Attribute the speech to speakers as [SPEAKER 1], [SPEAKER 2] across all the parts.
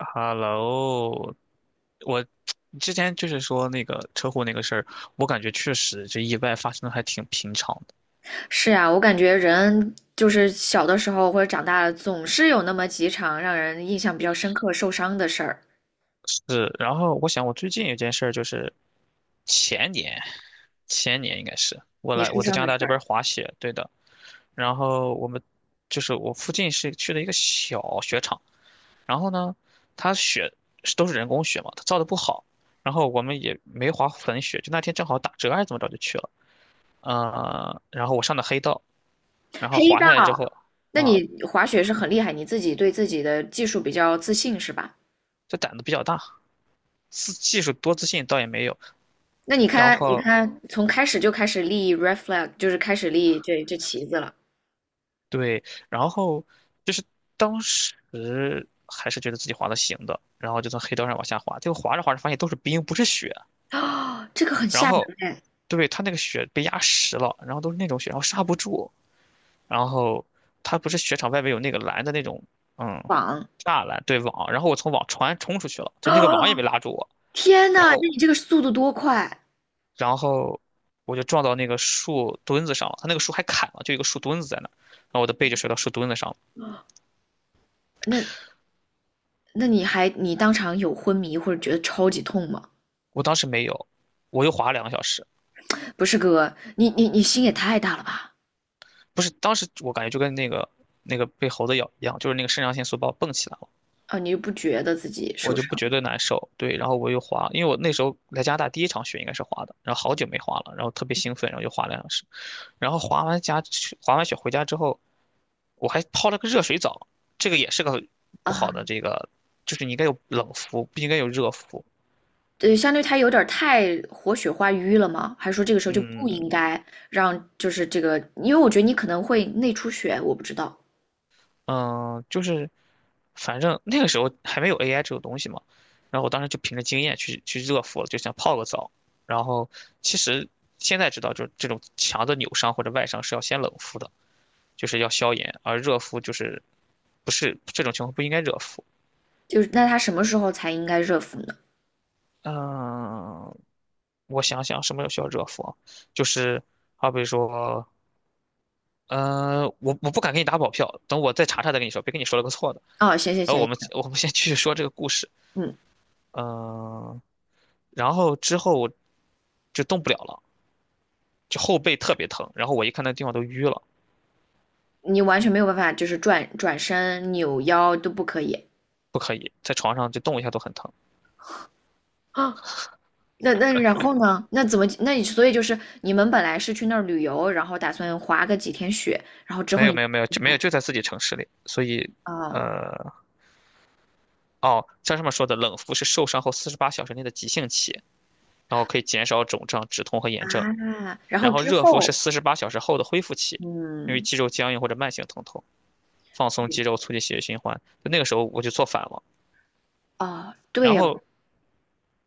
[SPEAKER 1] Hello，我之前就是说那个车祸那个事儿，我感觉确实这意外发生的还挺平常的。
[SPEAKER 2] 是啊，我感觉人就是小的时候或者长大了，总是有那么几场让人印象比较深刻、受伤的事儿。
[SPEAKER 1] 是，然后我想我最近有件事儿就是前年，前年应该是我
[SPEAKER 2] 你
[SPEAKER 1] 来
[SPEAKER 2] 受
[SPEAKER 1] 我在
[SPEAKER 2] 伤
[SPEAKER 1] 加拿
[SPEAKER 2] 的事
[SPEAKER 1] 大这
[SPEAKER 2] 儿，
[SPEAKER 1] 边儿滑雪，对的。然后我们就是我附近是去了一个小雪场，然后呢，它雪是都是人工雪嘛，它造的不好，然后我们也没滑粉雪，就那天正好打折还是怎么着就去了。然后我上的黑道，然后
[SPEAKER 2] 黑
[SPEAKER 1] 滑
[SPEAKER 2] 道，
[SPEAKER 1] 下来之后
[SPEAKER 2] 那
[SPEAKER 1] 啊，
[SPEAKER 2] 你滑雪是很厉害，你自己对自己的技术比较自信是吧？
[SPEAKER 1] 这胆子比较大，自技术多自信倒也没有。
[SPEAKER 2] 那你
[SPEAKER 1] 然
[SPEAKER 2] 看，你
[SPEAKER 1] 后
[SPEAKER 2] 看，从开始就开始立 r e flag，就是开始立这旗子了。
[SPEAKER 1] 对，然后就是当时还是觉得自己滑的行的，然后就从黑道上往下滑，结果滑着滑着发现都是冰，不是雪。
[SPEAKER 2] 啊、这个很
[SPEAKER 1] 然
[SPEAKER 2] 吓
[SPEAKER 1] 后，
[SPEAKER 2] 人哎，
[SPEAKER 1] 对，它那个雪被压实了，然后都是那种雪，然后刹不住。然后它不是雪场外面有那个蓝的那种，嗯，
[SPEAKER 2] 绑
[SPEAKER 1] 栅栏对网，然后我从网船冲出去了，就
[SPEAKER 2] 啊！
[SPEAKER 1] 那个网也没 拉住我。
[SPEAKER 2] 天
[SPEAKER 1] 然
[SPEAKER 2] 呐，那
[SPEAKER 1] 后
[SPEAKER 2] 你这个速度多快？
[SPEAKER 1] 然后我就撞到那个树墩子上了，他那个树还砍了，就一个树墩子在那儿，然后我的背就摔到树墩子上了。
[SPEAKER 2] 那那你还你当场有昏迷或者觉得超级痛吗？
[SPEAKER 1] 我当时没有，我又滑了两个小时，
[SPEAKER 2] 不是哥，你心也太大了吧？
[SPEAKER 1] 不是，当时我感觉就跟那个被猴子咬一样，就是那个肾上腺素把我蹦起来了。
[SPEAKER 2] 啊，你不觉得自己
[SPEAKER 1] 我
[SPEAKER 2] 受
[SPEAKER 1] 就
[SPEAKER 2] 伤
[SPEAKER 1] 不觉得难受。对，然后我又滑，因为我那时候来加拿大第一场雪应该是滑的，然后好久没滑了，然后特别兴奋，然后就滑了2小时，然后滑完雪回家之后，我还泡了个热水澡，这个也是个
[SPEAKER 2] 了
[SPEAKER 1] 不
[SPEAKER 2] 啊？
[SPEAKER 1] 好的，这个就是你应该有冷敷，不应该有热敷。
[SPEAKER 2] 对，相对他有点太活血化瘀了吗？还是说这个时候就不应
[SPEAKER 1] 嗯，
[SPEAKER 2] 该让，就是这个，因为我觉得你可能会内出血，我不知道，
[SPEAKER 1] 嗯，就是反正那个时候还没有 AI 这种东西嘛，然后我当时就凭着经验去热敷了，就想泡个澡。然后其实现在知道，就是这种强的扭伤或者外伤是要先冷敷的，就是要消炎，而热敷就是不是这种情况不应该热敷。
[SPEAKER 2] 就是那他什么时候才应该热敷呢？
[SPEAKER 1] 嗯，我想想什么需要热敷啊？就是好比说，我不敢给你打保票，等我再查查再跟你说，别跟你说了个错的。
[SPEAKER 2] 哦，行行
[SPEAKER 1] 然后我
[SPEAKER 2] 行，
[SPEAKER 1] 们我们先继续说这个故事，
[SPEAKER 2] 嗯，
[SPEAKER 1] 嗯。然后之后我就动不了了，就后背特别疼。然后我一看那地方都淤了，
[SPEAKER 2] 你完全没有办法，就是转转身、扭腰都不可以
[SPEAKER 1] 不可以在床上就动一下都很疼。
[SPEAKER 2] 啊。那那然后呢？那怎么？那你所以就是你们本来是去那儿旅游，然后打算滑个几天雪
[SPEAKER 1] 没有没有没有就没有就在自己城市里，所以
[SPEAKER 2] 啊，
[SPEAKER 1] 呃哦，像上面说的，冷敷是受伤后四十八小时内的急性期，然后可以减少肿胀、止痛和炎症。
[SPEAKER 2] 啊，然
[SPEAKER 1] 然
[SPEAKER 2] 后
[SPEAKER 1] 后
[SPEAKER 2] 之
[SPEAKER 1] 热敷是
[SPEAKER 2] 后，
[SPEAKER 1] 四十八小时后的恢复期，因为
[SPEAKER 2] 嗯，
[SPEAKER 1] 肌肉僵硬或者慢性疼痛，放松肌肉，促进血液循环。就那个时候我就做反了。
[SPEAKER 2] 啊，
[SPEAKER 1] 然
[SPEAKER 2] 对，
[SPEAKER 1] 后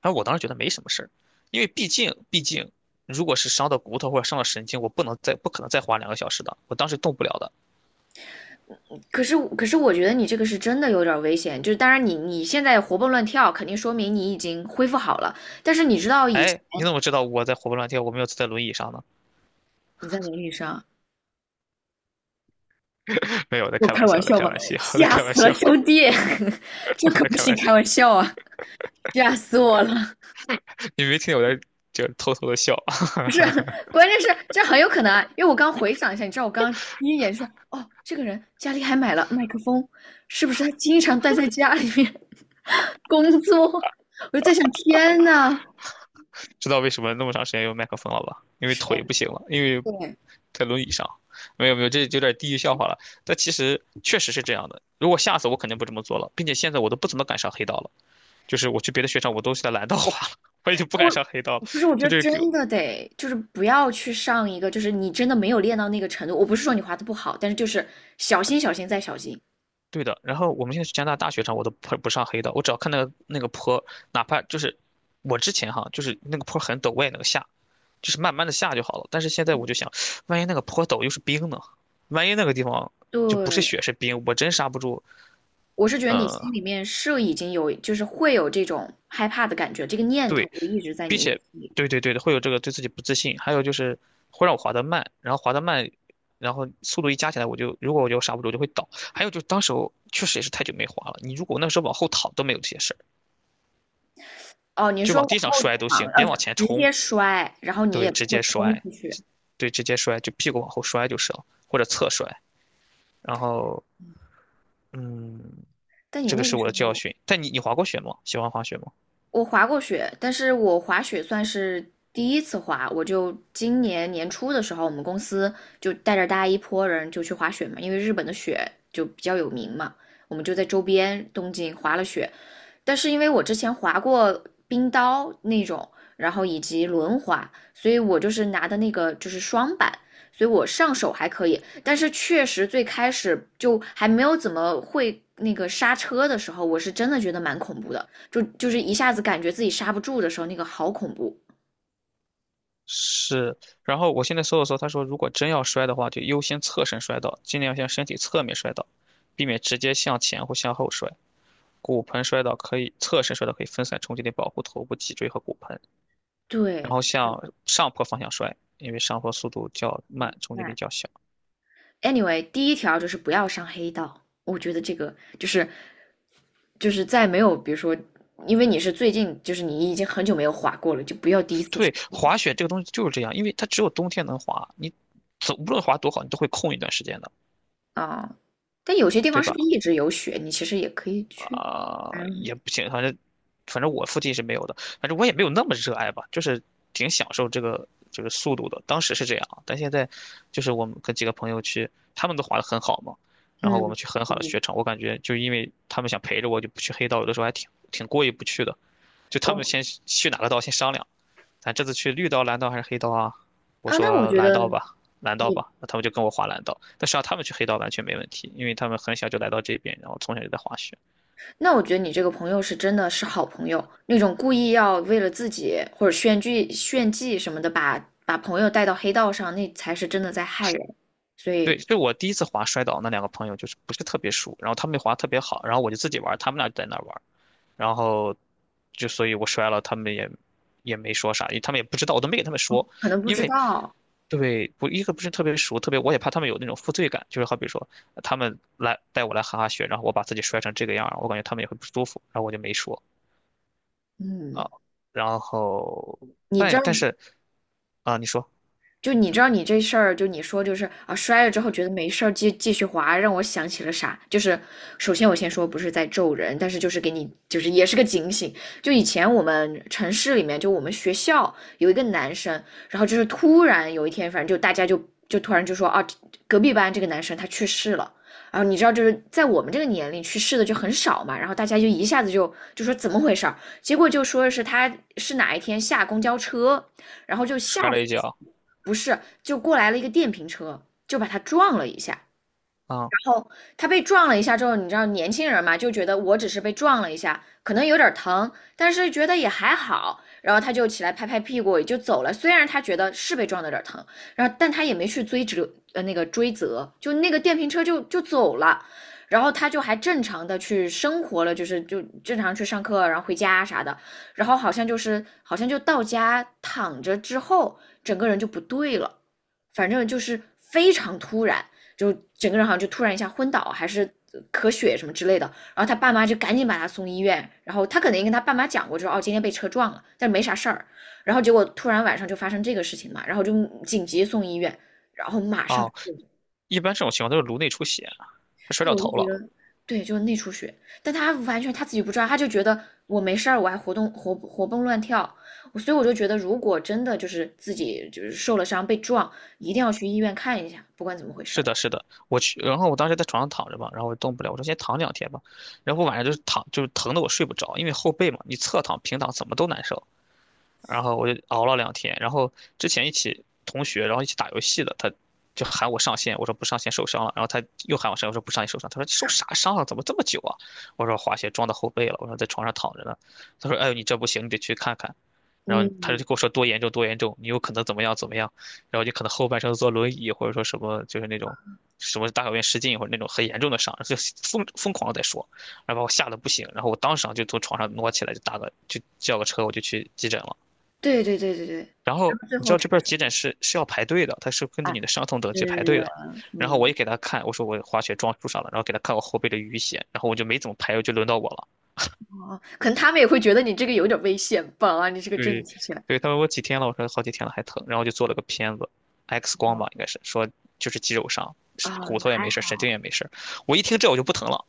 [SPEAKER 1] 哎，我当时觉得没什么事儿，因为毕竟，如果是伤到骨头或者伤到神经，我不能再不可能再花两个小时的，我当时动不了的。
[SPEAKER 2] 可是我觉得你这个是真的有点儿危险，就是当然你现在活蹦乱跳，肯定说明你已经恢复好了，但是你知道以前
[SPEAKER 1] 哎，你怎么知道我在活蹦乱跳，我没有坐在轮椅上呢？
[SPEAKER 2] 你在轮椅上，
[SPEAKER 1] 没有，我在
[SPEAKER 2] 我
[SPEAKER 1] 开
[SPEAKER 2] 开
[SPEAKER 1] 玩笑，
[SPEAKER 2] 玩
[SPEAKER 1] 我在
[SPEAKER 2] 笑
[SPEAKER 1] 开
[SPEAKER 2] 吧，
[SPEAKER 1] 玩笑，我在
[SPEAKER 2] 吓
[SPEAKER 1] 开玩
[SPEAKER 2] 死了
[SPEAKER 1] 笑，
[SPEAKER 2] 兄弟，这
[SPEAKER 1] 我
[SPEAKER 2] 可
[SPEAKER 1] 在
[SPEAKER 2] 不
[SPEAKER 1] 开
[SPEAKER 2] 是
[SPEAKER 1] 玩
[SPEAKER 2] 开
[SPEAKER 1] 笑。
[SPEAKER 2] 玩笑啊，吓死我了，
[SPEAKER 1] 你没听见我在就是偷偷的笑，
[SPEAKER 2] 不是，关键是这很有可能啊，因为我刚回想一下，你知道我刚刚第一眼说，哦，这个人家里还买了麦克风，是不是他经常待在家里面 工作？我就在想，天呐，
[SPEAKER 1] 知道为什么那么长时间用麦克风了吧？因为
[SPEAKER 2] 是，
[SPEAKER 1] 腿不行了，因为
[SPEAKER 2] 对，
[SPEAKER 1] 在轮椅上。没有没有，这有点地域笑话了。但其实确实是这样的。如果下次我肯定不这么做了，并且现在我都不怎么敢上黑道了。就是我去别的雪场，我都是在蓝道滑了，我已经不敢上黑道了。
[SPEAKER 2] 我不是，我觉
[SPEAKER 1] 就
[SPEAKER 2] 得
[SPEAKER 1] 这
[SPEAKER 2] 真
[SPEAKER 1] 个，
[SPEAKER 2] 的得就是不要去上一个，就是你真的没有练到那个程度。我不是说你滑的不好，但是就是小心、小心再小心。
[SPEAKER 1] 对的。然后我们现在去加拿大大雪场，我都不上黑道，我只要看那个坡，哪怕就是我之前哈，就是那个坡很陡，我也能下，就是慢慢的下就好了。但是现在我就想，万一那个坡陡又是冰呢？万一那个地方就不是
[SPEAKER 2] 对，
[SPEAKER 1] 雪是冰，我真刹不住，
[SPEAKER 2] 我是觉得你
[SPEAKER 1] 嗯、
[SPEAKER 2] 心里面是已经有，就是会有这种害怕的感觉，这个念头
[SPEAKER 1] 对，
[SPEAKER 2] 就一直在
[SPEAKER 1] 并
[SPEAKER 2] 你
[SPEAKER 1] 且，
[SPEAKER 2] 心里。
[SPEAKER 1] 对对对的，会有这个对自己不自信，还有就是会让我滑得慢，然后滑得慢，然后速度一加起来，如果我刹不住，我就会倒。还有就是当时候确实也是太久没滑了，你如果那时候往后躺都没有这些事儿，
[SPEAKER 2] 哦，你
[SPEAKER 1] 就
[SPEAKER 2] 说
[SPEAKER 1] 往
[SPEAKER 2] 往
[SPEAKER 1] 地上
[SPEAKER 2] 后
[SPEAKER 1] 摔都
[SPEAKER 2] 躺，
[SPEAKER 1] 行，别往前
[SPEAKER 2] 直接
[SPEAKER 1] 冲，
[SPEAKER 2] 摔，然后你也
[SPEAKER 1] 对，
[SPEAKER 2] 不
[SPEAKER 1] 直
[SPEAKER 2] 会
[SPEAKER 1] 接
[SPEAKER 2] 冲
[SPEAKER 1] 摔，
[SPEAKER 2] 出去。
[SPEAKER 1] 对，直接摔，就屁股往后摔就是了，或者侧摔。然后，嗯，
[SPEAKER 2] 但你
[SPEAKER 1] 这个
[SPEAKER 2] 那个
[SPEAKER 1] 是我
[SPEAKER 2] 时
[SPEAKER 1] 的教
[SPEAKER 2] 候，
[SPEAKER 1] 训。但你滑过雪吗？喜欢滑雪吗？
[SPEAKER 2] 我滑过雪，但是我滑雪算是第一次滑，我就今年年初的时候，我们公司就带着大家一波人就去滑雪嘛，因为日本的雪就比较有名嘛，我们就在周边东京滑了雪，但是因为我之前滑过冰刀那种，然后以及轮滑，所以我就是拿的那个就是双板，所以我上手还可以。但是确实最开始就还没有怎么会那个刹车的时候，我是真的觉得蛮恐怖的，就是一下子感觉自己刹不住的时候，那个好恐怖。
[SPEAKER 1] 是，然后我现在搜了搜，他说如果真要摔的话，就优先侧身摔倒，尽量向身体侧面摔倒，避免直接向前或向后摔。骨盆摔倒可以侧身摔倒，可以分散冲击力，保护头部、脊椎和骨盆。然
[SPEAKER 2] 对，
[SPEAKER 1] 后向上坡方向摔，因为上坡速度较慢，冲击力
[SPEAKER 2] 哎
[SPEAKER 1] 较小。
[SPEAKER 2] Anyway，第一条就是不要上黑道，我觉得这个就是在没有，比如说，因为你是最近，就是你已经很久没有滑过了，就不要第一次上
[SPEAKER 1] 对，滑雪这个东西就是这样，因为它只有冬天能滑，你走无论滑多好，你都会空一段时间的，
[SPEAKER 2] 啊。但有些地方
[SPEAKER 1] 对
[SPEAKER 2] 是
[SPEAKER 1] 吧？
[SPEAKER 2] 不是一直有雪？你其实也可以去。
[SPEAKER 1] 啊、
[SPEAKER 2] 嗯
[SPEAKER 1] 也不行，反正我附近是没有的，反正我也没有那么热爱吧，就是挺享受这个速度的。当时是这样啊，但现在就是我们跟几个朋友去，他们都滑得很好嘛，然后我
[SPEAKER 2] 嗯
[SPEAKER 1] 们去很好的
[SPEAKER 2] 嗯，
[SPEAKER 1] 雪场，我感觉就因为他们想陪着我，就不去黑道，有的时候还挺过意不去的。就他们
[SPEAKER 2] 我
[SPEAKER 1] 先去哪个道先商量，咱这次去绿道、蓝道还是黑道啊？我
[SPEAKER 2] 啊，那我
[SPEAKER 1] 说
[SPEAKER 2] 觉
[SPEAKER 1] 蓝
[SPEAKER 2] 得
[SPEAKER 1] 道吧，蓝道
[SPEAKER 2] 你，
[SPEAKER 1] 吧，那他们就跟我滑蓝道，但实际上他们去黑道完全没问题，因为他们很小就来到这边，然后从小就在滑雪。
[SPEAKER 2] 那我觉得你这个朋友是真的是好朋友，那种故意要为了自己或者炫技炫技什么的，把朋友带到黑道上，那才是真的在害人。所
[SPEAKER 1] 对，
[SPEAKER 2] 以
[SPEAKER 1] 就我第一次滑摔倒，那两个朋友就是不是特别熟，然后他们滑特别好，然后我就自己玩，他们俩在那玩，然后就所以我摔了，他们也没说啥，因为他们也不知道，我都没给他们说，
[SPEAKER 2] 可能不
[SPEAKER 1] 因
[SPEAKER 2] 知
[SPEAKER 1] 为
[SPEAKER 2] 道。
[SPEAKER 1] 对不一个不是特别熟，特别我也怕他们有那种负罪感，就是好比说他们来带我来哈哈雪，然后我把自己摔成这个样儿我感觉他们也会不舒服，然后我就没说啊，
[SPEAKER 2] 嗯，
[SPEAKER 1] 然后
[SPEAKER 2] 你这
[SPEAKER 1] 但
[SPEAKER 2] 儿
[SPEAKER 1] 但是啊，你说
[SPEAKER 2] 就你知道你这事儿，就你说就是啊，摔了之后觉得没事儿，继续滑，让我想起了啥？就是首先我先说不是在咒人，但是就是给你就是也是个警醒。就以前我们城市里面，就我们学校有一个男生，然后就是突然有一天，反正就大家就突然就说啊，隔壁班这个男生他去世了。然后你知道，就是在我们这个年龄去世的就很少嘛，然后大家就一下子就说怎么回事儿，结果就说是他是哪一天下公交车，然后就下
[SPEAKER 1] 摔了一跤
[SPEAKER 2] 去。不是，就过来了一个电瓶车，就把他撞了一下。
[SPEAKER 1] 啊
[SPEAKER 2] 后他被撞了一下之后，你知道年轻人嘛，就觉得我只是被撞了一下，可能有点疼，但是觉得也还好。然后他就起来拍拍屁股也就走了。虽然他觉得是被撞的有点疼，然后但他也没去追责，那个追责，就那个电瓶车就走了。然后他就还正常的去生活了，就是就正常去上课，然后回家啥的。然后好像就是好像就到家躺着之后，整个人就不对了，反正就是非常突然。就整个人好像就突然一下昏倒，还是咳血什么之类的。然后他爸妈就赶紧把他送医院，然后他可能跟他爸妈讲过，就说哦今天被车撞了，但是没啥事儿。然后结果突然晚上就发生这个事情嘛，然后就紧急送医院，然后马上
[SPEAKER 1] 啊。
[SPEAKER 2] 就，
[SPEAKER 1] 一般这种情况都是颅内出血啊，他摔
[SPEAKER 2] 对，
[SPEAKER 1] 到
[SPEAKER 2] 我
[SPEAKER 1] 头
[SPEAKER 2] 就觉
[SPEAKER 1] 了。
[SPEAKER 2] 得。对，就是内出血，但他完全他自己不知道，他就觉得我没事儿，我还活活蹦乱跳，所以我就觉得，如果真的就是自己就是受了伤被撞，一定要去医院看一下，不管怎么回事
[SPEAKER 1] 是
[SPEAKER 2] 儿
[SPEAKER 1] 的，是的，我去，然后我当时在床上躺着吧，然后我动不了，我说先躺两天吧，然后我晚上就是躺，就是疼的我睡不着，因为后背嘛，你侧躺、平躺怎么都难受。然后我就熬了两天。然后之前一起同学，然后一起打游戏的，他就喊我上线，我说不上线受伤了。然后他又喊我上线，我说不上线受伤。他说你受啥伤了？怎么这么久啊？我说滑雪撞到后背了。我说在床上躺着呢。他说哎呦你这不行，你得去看看。然后他就跟我说多严重多严重，你有可能怎么样怎么样，然后就可能后半生坐轮椅或者说什么就是那种什么大小便失禁或者那种很严重的伤，就疯疯狂的在说，然后把我吓得不行，然后我当场就从床上挪起来就打个就叫个车我就去急诊了。
[SPEAKER 2] 对对对对对，然
[SPEAKER 1] 然后
[SPEAKER 2] 后最
[SPEAKER 1] 你知
[SPEAKER 2] 后
[SPEAKER 1] 道
[SPEAKER 2] 查
[SPEAKER 1] 这边儿
[SPEAKER 2] 出，
[SPEAKER 1] 急诊室是要排队的，他是根据
[SPEAKER 2] 来。
[SPEAKER 1] 你的伤痛等级排队的。
[SPEAKER 2] 嗯
[SPEAKER 1] 然后我
[SPEAKER 2] 嗯，
[SPEAKER 1] 也给他看，我说我滑雪撞树上了，然后给他看我后背的淤血，然后我就没怎么排，就轮到我了。
[SPEAKER 2] 哦，可能他们也会觉得你这个有点危险吧？啊你这个真的
[SPEAKER 1] 对，
[SPEAKER 2] 听起来，
[SPEAKER 1] 对，他问我几天了，我说好几天了还疼，然后就做了个片子，X 光
[SPEAKER 2] 哦
[SPEAKER 1] 吧应该是，说就是肌肉伤，是
[SPEAKER 2] 啊，
[SPEAKER 1] 骨头也
[SPEAKER 2] 还
[SPEAKER 1] 没事儿，
[SPEAKER 2] 好，
[SPEAKER 1] 神经也没事儿。我一听这我就不疼了。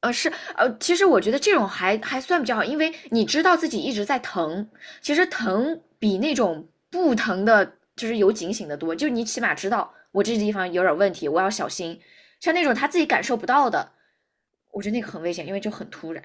[SPEAKER 2] 呃，是，其实我觉得这种还算比较好，因为你知道自己一直在疼，其实疼比那种不疼的，就是有警醒的多，就你起码知道我这地方有点问题，我要小心。像那种他自己感受不到的，我觉得那个很危险，因为就很突然。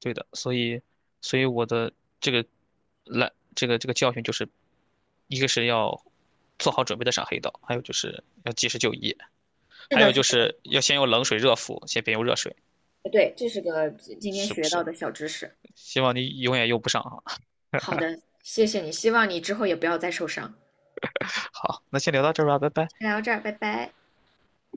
[SPEAKER 1] 对的，所以，所以我的这个来这个这个教训就是，一个是要做好准备的上黑道，还有就是要及时就医。
[SPEAKER 2] 是
[SPEAKER 1] 还
[SPEAKER 2] 的，
[SPEAKER 1] 有
[SPEAKER 2] 是
[SPEAKER 1] 就
[SPEAKER 2] 的，
[SPEAKER 1] 是要先用冷水热敷，先别用热水，
[SPEAKER 2] 对，这是个今天
[SPEAKER 1] 是不
[SPEAKER 2] 学到
[SPEAKER 1] 是？
[SPEAKER 2] 的小知识。
[SPEAKER 1] 希望你永远用不上啊。
[SPEAKER 2] 好的，谢谢你，希望你之后也不要再受伤。
[SPEAKER 1] 好，那先聊到这儿吧，拜拜。
[SPEAKER 2] 聊到这儿，拜拜。